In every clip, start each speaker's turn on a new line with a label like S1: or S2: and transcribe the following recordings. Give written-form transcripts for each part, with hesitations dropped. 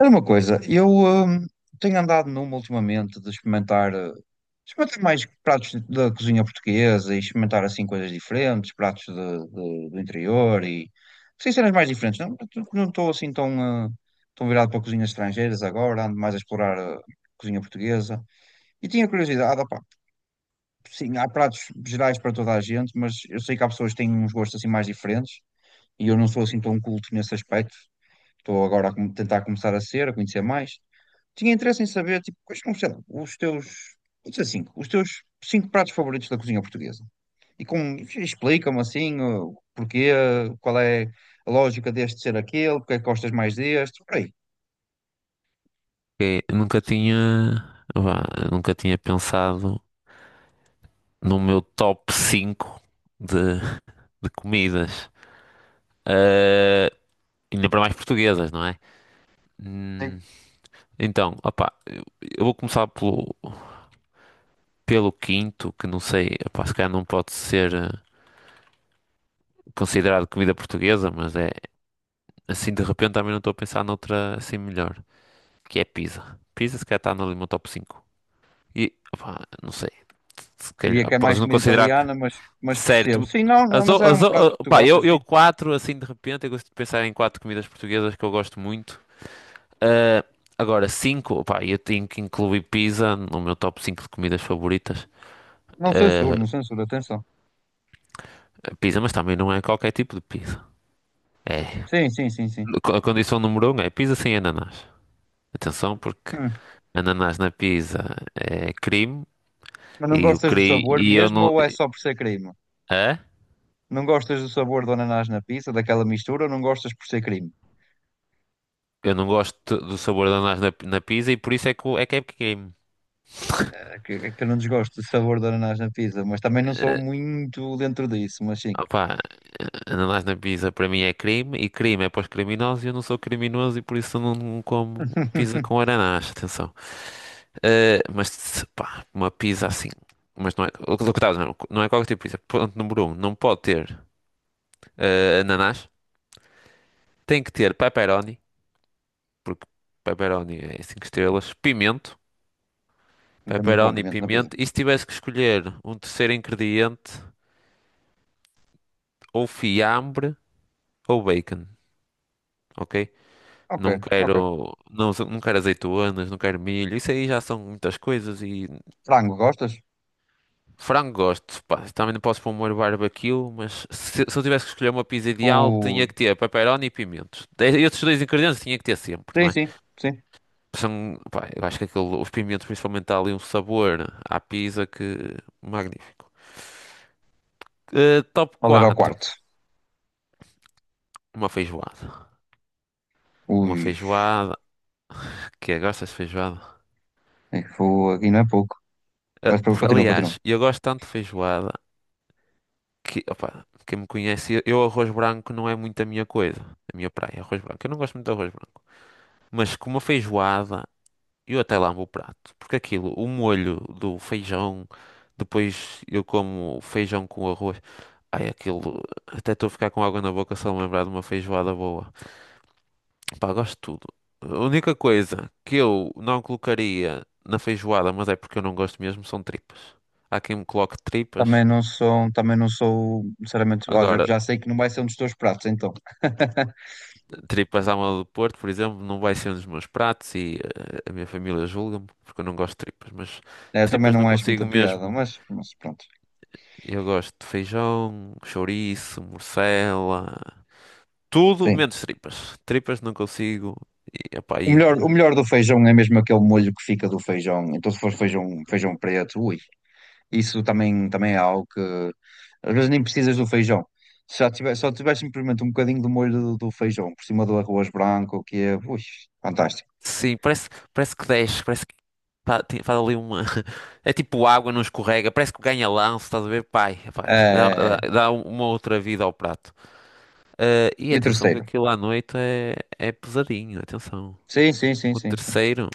S1: Era uma coisa, eu tenho andado numa ultimamente de experimentar, experimentar mais pratos da cozinha portuguesa e experimentar assim coisas diferentes, pratos do interior e sim, cenas mais diferentes. Não não estou assim tão, tão virado para cozinhas estrangeiras agora, ando mais a explorar a cozinha portuguesa. E tinha curiosidade, opá, sim, há pratos gerais para toda a gente, mas eu sei que há pessoas que têm uns gostos assim mais diferentes e eu não sou assim tão culto nesse aspecto, estou agora a tentar começar a ser, a conhecer mais. Tinha interesse em saber, tipo, quais são, sei lá, os teus, vou dizer cinco, os teus cinco pratos favoritos da cozinha portuguesa. E com, explica-me assim, o porquê, qual é a lógica deste ser aquele, porque é que gostas mais deste, por aí.
S2: Ok, nunca tinha, vá, nunca tinha pensado no meu top 5 de, de comidas. Eh, Ainda para mais portuguesas, não é?
S1: Sim.
S2: Hum. Então, opá, eu vou começar pelo quinto, que não sei, opá, se calhar não pode ser considerado comida portuguesa, mas é assim de repente também não estou a pensar noutra assim melhor, que é pizza. Pizza se calhar está no meu top cinco. E opá, não sei, se calhar,
S1: Diria que é
S2: podes
S1: mais
S2: não
S1: comida
S2: considerar que.
S1: italiana, mas percebo.
S2: Certo.
S1: Sim, não, mas é um prato que tu
S2: Pá, eu,
S1: gostas, sim.
S2: eu quatro, assim, de repente, eu gosto de pensar em quatro comidas portuguesas que eu gosto muito. Ah, agora, cinco, pá, eu tenho que incluir pizza no meu top 5 de comidas favoritas.
S1: Não censuro,
S2: Ah,
S1: não censuro, atenção.
S2: pizza, mas também não é qualquer tipo de pizza.
S1: Sim, sim, sim, sim.
S2: A condição número um é pizza sem ananás. Atenção, porque
S1: Hum.
S2: ananás na pizza é crime
S1: Mas não
S2: e, o
S1: gostas do
S2: cri,
S1: sabor
S2: e eu
S1: mesmo
S2: não.
S1: ou é só por ser crime?
S2: É?
S1: Não gostas do sabor do ananás na pizza, daquela mistura, ou não gostas por ser crime?
S2: Eu não gosto do sabor de ananás na pizza e por isso é que é crime.
S1: É que, é que eu não desgosto do sabor do ananás na pizza, mas também não sou
S2: Ah,
S1: muito dentro disso, mas sim.
S2: Opá, ananás na pizza para mim é crime, e crime é para os criminosos, e eu não sou criminoso, e por isso eu não como pizza com ananás, atenção. Mas, pá, uma pizza assim. Mas não é, o que estavas a dizer, não é qualquer tipo de pizza. Ponto número um, não pode ter ananás, tem que ter pepperoni, porque pepperoni é cinco estrelas. Pimento,
S1: É muito bom
S2: pepperoni,
S1: pimento na pizza.
S2: pimento, e se tivesse que escolher um terceiro ingrediente, ou fiambre ou bacon, ok?
S1: Ok,
S2: Não
S1: ok.
S2: quero, não, não quero azeitonas, não quero milho. Isso aí já são muitas coisas. E
S1: Frango, gostas?
S2: frango gosto, pá. Também não posso pôr molho barbecue, mas se eu tivesse que escolher uma pizza ideal,
S1: Ui.
S2: tinha que ter pepperoni e pimentos. E esses dois ingredientes tinha que ter sempre, não
S1: Sim,
S2: é?
S1: sim, sim.
S2: São, pá, eu acho que aquele, os pimentos principalmente dá ali um sabor à pizza que magnífico. Top
S1: Qual era o
S2: quatro,
S1: quarto?
S2: uma feijoada. Uma
S1: Ui,
S2: feijoada. Que é? Gostas de feijoada?
S1: é que foi aqui não é pouco. Mas pronto, continua,
S2: Aliás,
S1: continua.
S2: eu gosto tanto de feijoada que, opa, quem me conhece, eu arroz branco não é muito a minha coisa, a minha praia, é arroz branco. Eu não gosto muito de arroz branco. Mas com uma feijoada, eu até lambo o prato, porque aquilo, o molho do feijão, depois eu como feijão com arroz, ai aquilo, até estou a ficar com água na boca só me lembrar de uma feijoada boa. Pá, gosto de tudo. A única coisa que eu não colocaria na feijoada, mas é porque eu não gosto mesmo, são tripas. Há quem me coloque tripas.
S1: Também não sou, sinceramente, olha,
S2: Agora,
S1: já sei que não vai ser um dos teus pratos, então.
S2: tripas à moda do Porto, por exemplo, não vai ser um dos meus pratos, e a minha família julga-me porque eu não gosto de tripas, mas
S1: É, eu também
S2: tripas não
S1: não acho muita
S2: consigo
S1: piada,
S2: mesmo.
S1: mas pronto.
S2: Eu gosto de feijão, chouriço, morcela, tudo
S1: Sim.
S2: menos tripas. Tripas não consigo. E, epá, e-
S1: O melhor do feijão é mesmo aquele molho que fica do feijão. Então, se for feijão, feijão preto, ui, isso também, também é algo que às vezes nem precisas do feijão. Se já tiver, só tiver simplesmente um bocadinho do molho do feijão por cima do arroz branco, que é, ui, fantástico.
S2: sim, parece que desce, parece que pá, faz ali uma. É tipo água, não escorrega, parece que ganha lance, estás a ver? Pai, dá,
S1: Eh,
S2: dá- dá uma outra vida ao prato. E
S1: e o
S2: atenção que
S1: terceiro?
S2: aquilo à noite é pesadinho, atenção.
S1: Sim, sim, sim,
S2: O
S1: sim, sim.
S2: terceiro,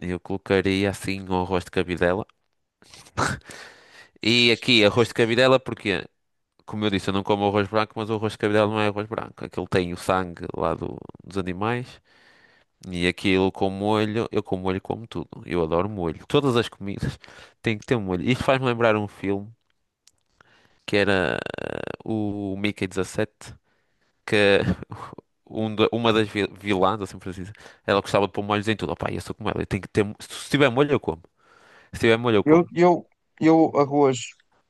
S2: eu colocaria assim o arroz de cabidela. E aqui, arroz de cabidela, porque, como eu disse, eu não como arroz branco, mas o arroz de cabidela não é arroz branco. Aquilo tem o sangue lá dos animais. E aquilo com molho, eu com molho como tudo. Eu adoro molho. Todas as comidas têm que ter um molho. Isto faz-me lembrar um filme que era o Mickey 17, que uma das vilãs, assim por assim dizer, ela gostava de pôr molhos em tudo. Opá, eu sou como ela, eu tenho que ter. Se tiver molho, eu como. Se tiver molho, eu como.
S1: Eu, eu, eu arroz,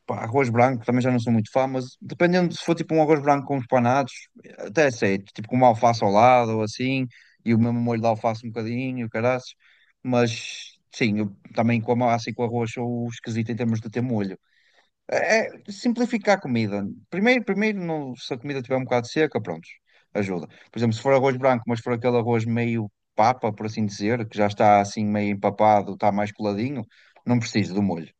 S1: pá, arroz branco, também já não sou muito fã, mas dependendo se for tipo um arroz branco com uns panados, até aceito, tipo com uma alface ao lado ou assim, e o mesmo molho de alface um bocadinho, caraças, mas sim, eu também com a massa e com o arroz sou esquisito em termos de ter molho. É, é simplificar a comida. Primeiro, se a comida estiver um bocado seca, pronto, ajuda. Por exemplo, se for arroz branco, mas for aquele arroz meio papa, por assim dizer, que já está assim meio empapado, está mais coladinho, não preciso do molho,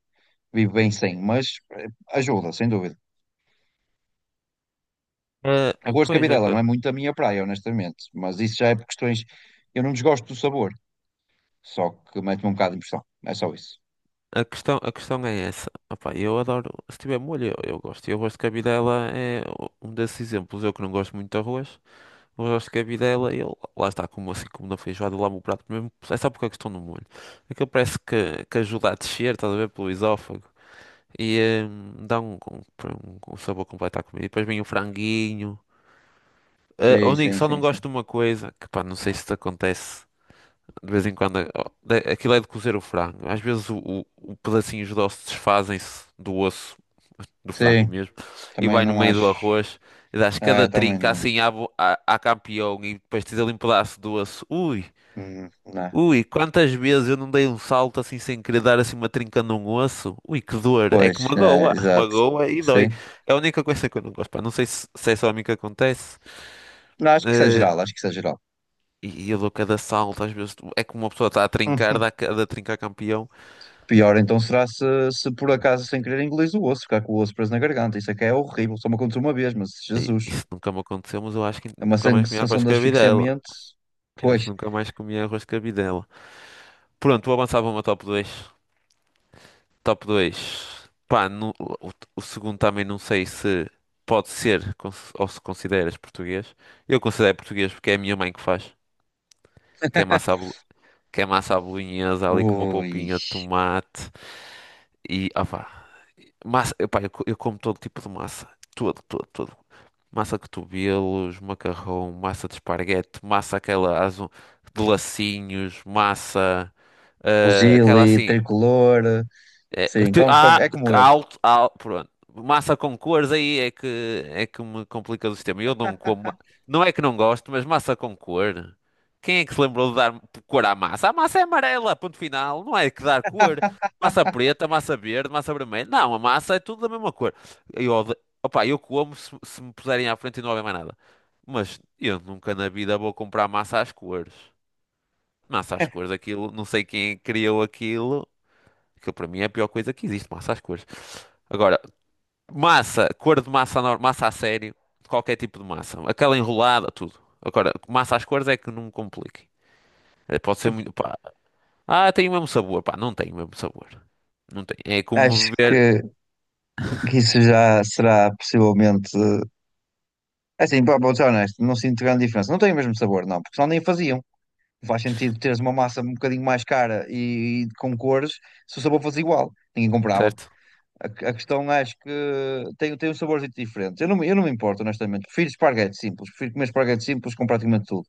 S1: vivo bem sem, mas ajuda, sem dúvida.
S2: Ah,
S1: A cor de
S2: Pois, a,
S1: cabidela
S2: a-
S1: não é muito a minha praia, honestamente, mas isso já é por questões. Eu não desgosto do sabor, só que mete-me um bocado de impressão. É só isso.
S2: questão, a questão é essa. Opá, eu adoro, se tiver molho, eu gosto. Eu gosto de cabidela, é um desses exemplos. Eu que não gosto muito de arroz, mas gosto de cabidela videla, eu, lá está, como assim como na feijoada, lá o meu prato mesmo, é só porque é a questão do molho. Aquilo parece que ajuda a descer, estás a ver, pelo esófago. E dá um, um sabor completo à comida. E depois vem o franguinho.
S1: Sim, sim,
S2: Só
S1: sim,
S2: não
S1: sim.
S2: gosto de uma coisa, que pá, não sei se te acontece. De vez em quando, ó, aquilo é de cozer o frango. Às vezes o pedacinhos de osso desfazem-se do osso, do frango
S1: Sim,
S2: mesmo, e
S1: também
S2: vai no
S1: não
S2: meio do
S1: acho.
S2: arroz, e dás cada
S1: É, também
S2: trinca
S1: não.
S2: assim à campeão, e depois tens ali um pedaço do osso. Ui,
S1: Hum, não é.
S2: ui, quantas vezes eu não dei um salto assim sem querer dar assim uma trinca num osso? Ui, que dor! É que
S1: Pois, é,
S2: magoa,
S1: exato.
S2: magoa e dói.
S1: Sim.
S2: É a única coisa que eu não gosto, pá. Não sei se é só a mim que acontece.
S1: Não, acho que isso é
S2: Eh,
S1: geral, acho que isso é geral.
S2: e eu dou cada salto, às vezes é que uma pessoa está a trincar, dá cada trinca a campeão.
S1: Pior então será se, se por acaso sem querer engolir o osso, ficar com o osso preso na garganta. Isso é que é horrível, só me aconteceu uma vez, mas Jesus,
S2: Isso nunca me aconteceu, mas eu acho que
S1: é uma
S2: nunca mais comi arroz
S1: sensação
S2: de
S1: de
S2: cabidela.
S1: asfixiamento.
S2: Eu acho que
S1: Pois,
S2: nunca mais comi arroz de cabidela. Pronto, vou avançar para uma top dois. Top dois. Pá, o segundo também não sei se pode ser ou se consideras português. Eu considero português porque é a minha mãe que faz. Que é massa à, bolo- que é massa à bolonhesa ali com uma
S1: ui,
S2: polpinha de tomate, e opá, massa, pá, eu como todo tipo de massa. Todo, todo, todo. Massa de cotovelos, macarrão, massa de esparguete, massa aquela de lacinhos, massa, aquela
S1: fuzile,
S2: assim.
S1: tricolor,
S2: É,
S1: sim, comes qualquer. É como eu.
S2: alto, pronto. Massa com cores aí é que me complica o sistema. Eu não como, não é que não gosto, mas massa com cor. Quem é que se lembrou de dar cor à massa? A massa é amarela, ponto final. Não é que dar cor. Massa preta, massa verde, massa vermelha. Não, a massa é tudo da mesma cor. Eu, ode- Opa, eu como se me puserem à frente e não houver mais nada. Mas eu nunca na vida vou comprar massa às cores. Massa às cores, aquilo, não sei quem criou aquilo. Aquilo para mim é a pior coisa que existe, massa às cores. Agora, massa, cor de massa, massa a sério, qualquer tipo de massa. Aquela enrolada, tudo. Agora, massa às cores é que não me complique. Pode ser muito, pá. Tem o mesmo sabor, pá. Não tem o mesmo sabor. Não tem. É como
S1: Acho
S2: beber,
S1: que isso já será possivelmente, assim, pá, vou ser honesto, não sinto grande diferença. Não tem o mesmo sabor, não, porque senão nem faziam. Não faz sentido teres uma massa um bocadinho mais cara e com cores se o sabor fosse igual. Ninguém comprava.
S2: certo?
S1: A questão acho que tem, tem um sabor diferente. Eu não, eu não me importo, honestamente. Prefiro esparguete simples. Prefiro comer esparguete simples com praticamente tudo.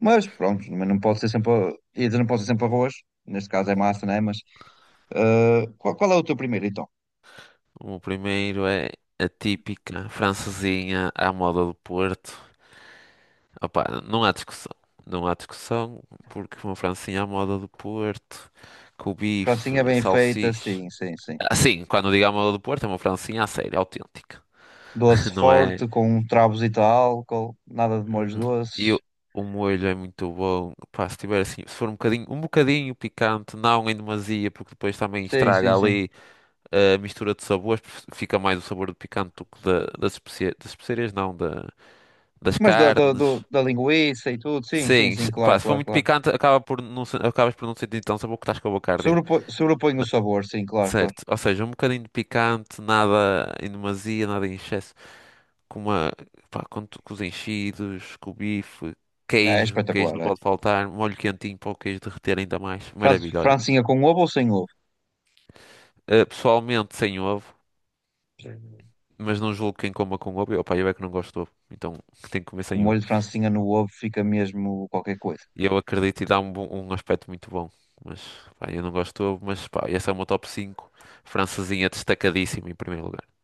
S1: Mas pronto, mas não pode ser sempre, ia dizer, não pode ser sempre arroz, neste caso é massa, né? Mas qual, qual é o teu primeiro então?
S2: O primeiro é a típica francesinha à moda do Porto. Opá, não há discussão. Não há discussão, porque uma francesinha à moda do Porto, com o bife,
S1: Francinha bem feita,
S2: salsicha.
S1: sim, sim, sim.
S2: Assim, quando digo à do Porto, é uma francesinha a sério, autêntica.
S1: Doce
S2: Não é?
S1: forte, com um travozito de álcool, nada de molhos
S2: Hum, E
S1: doces.
S2: o molho é muito bom. Pá, se tiver assim, se for um bocadinho picante, não em demasia, porque depois também
S1: Sim, sim,
S2: estraga
S1: sim.
S2: ali a mistura de sabores, porque fica mais o sabor do picante do que das especiarias não, das
S1: Mas da, da,
S2: carnes.
S1: da linguiça e tudo, sim, sim,
S2: Sim,
S1: sim,
S2: pá,
S1: claro,
S2: se for
S1: claro,
S2: muito
S1: claro.
S2: picante, acaba por acabas por não sentir tão sabor que estás com a boca a arder.
S1: Sobrepõe, sobrepõe o sabor, sim, claro, claro.
S2: Certo, ou seja, um bocadinho de picante, nada em demasia, nada em excesso. Com uma, pá, com os enchidos, com o bife,
S1: É,
S2: queijo, queijo
S1: espetacular,
S2: não
S1: é.
S2: pode faltar, molho quentinho para o queijo derreter ainda mais. Maravilha, olha.
S1: Francinha com ovo ou sem ovo?
S2: Pessoalmente sem ovo, mas não julgo quem coma com ovo. Pá, eu é que não gosto de ovo, então tem que comer
S1: Com
S2: sem ovo.
S1: molho de francinha no ovo fica mesmo qualquer coisa.
S2: E eu acredito, e dá um, um aspecto muito bom. Mas, pá, eu não gosto de ovo, mas, pá, essa é uma top cinco. Francesinha destacadíssima em primeiro lugar.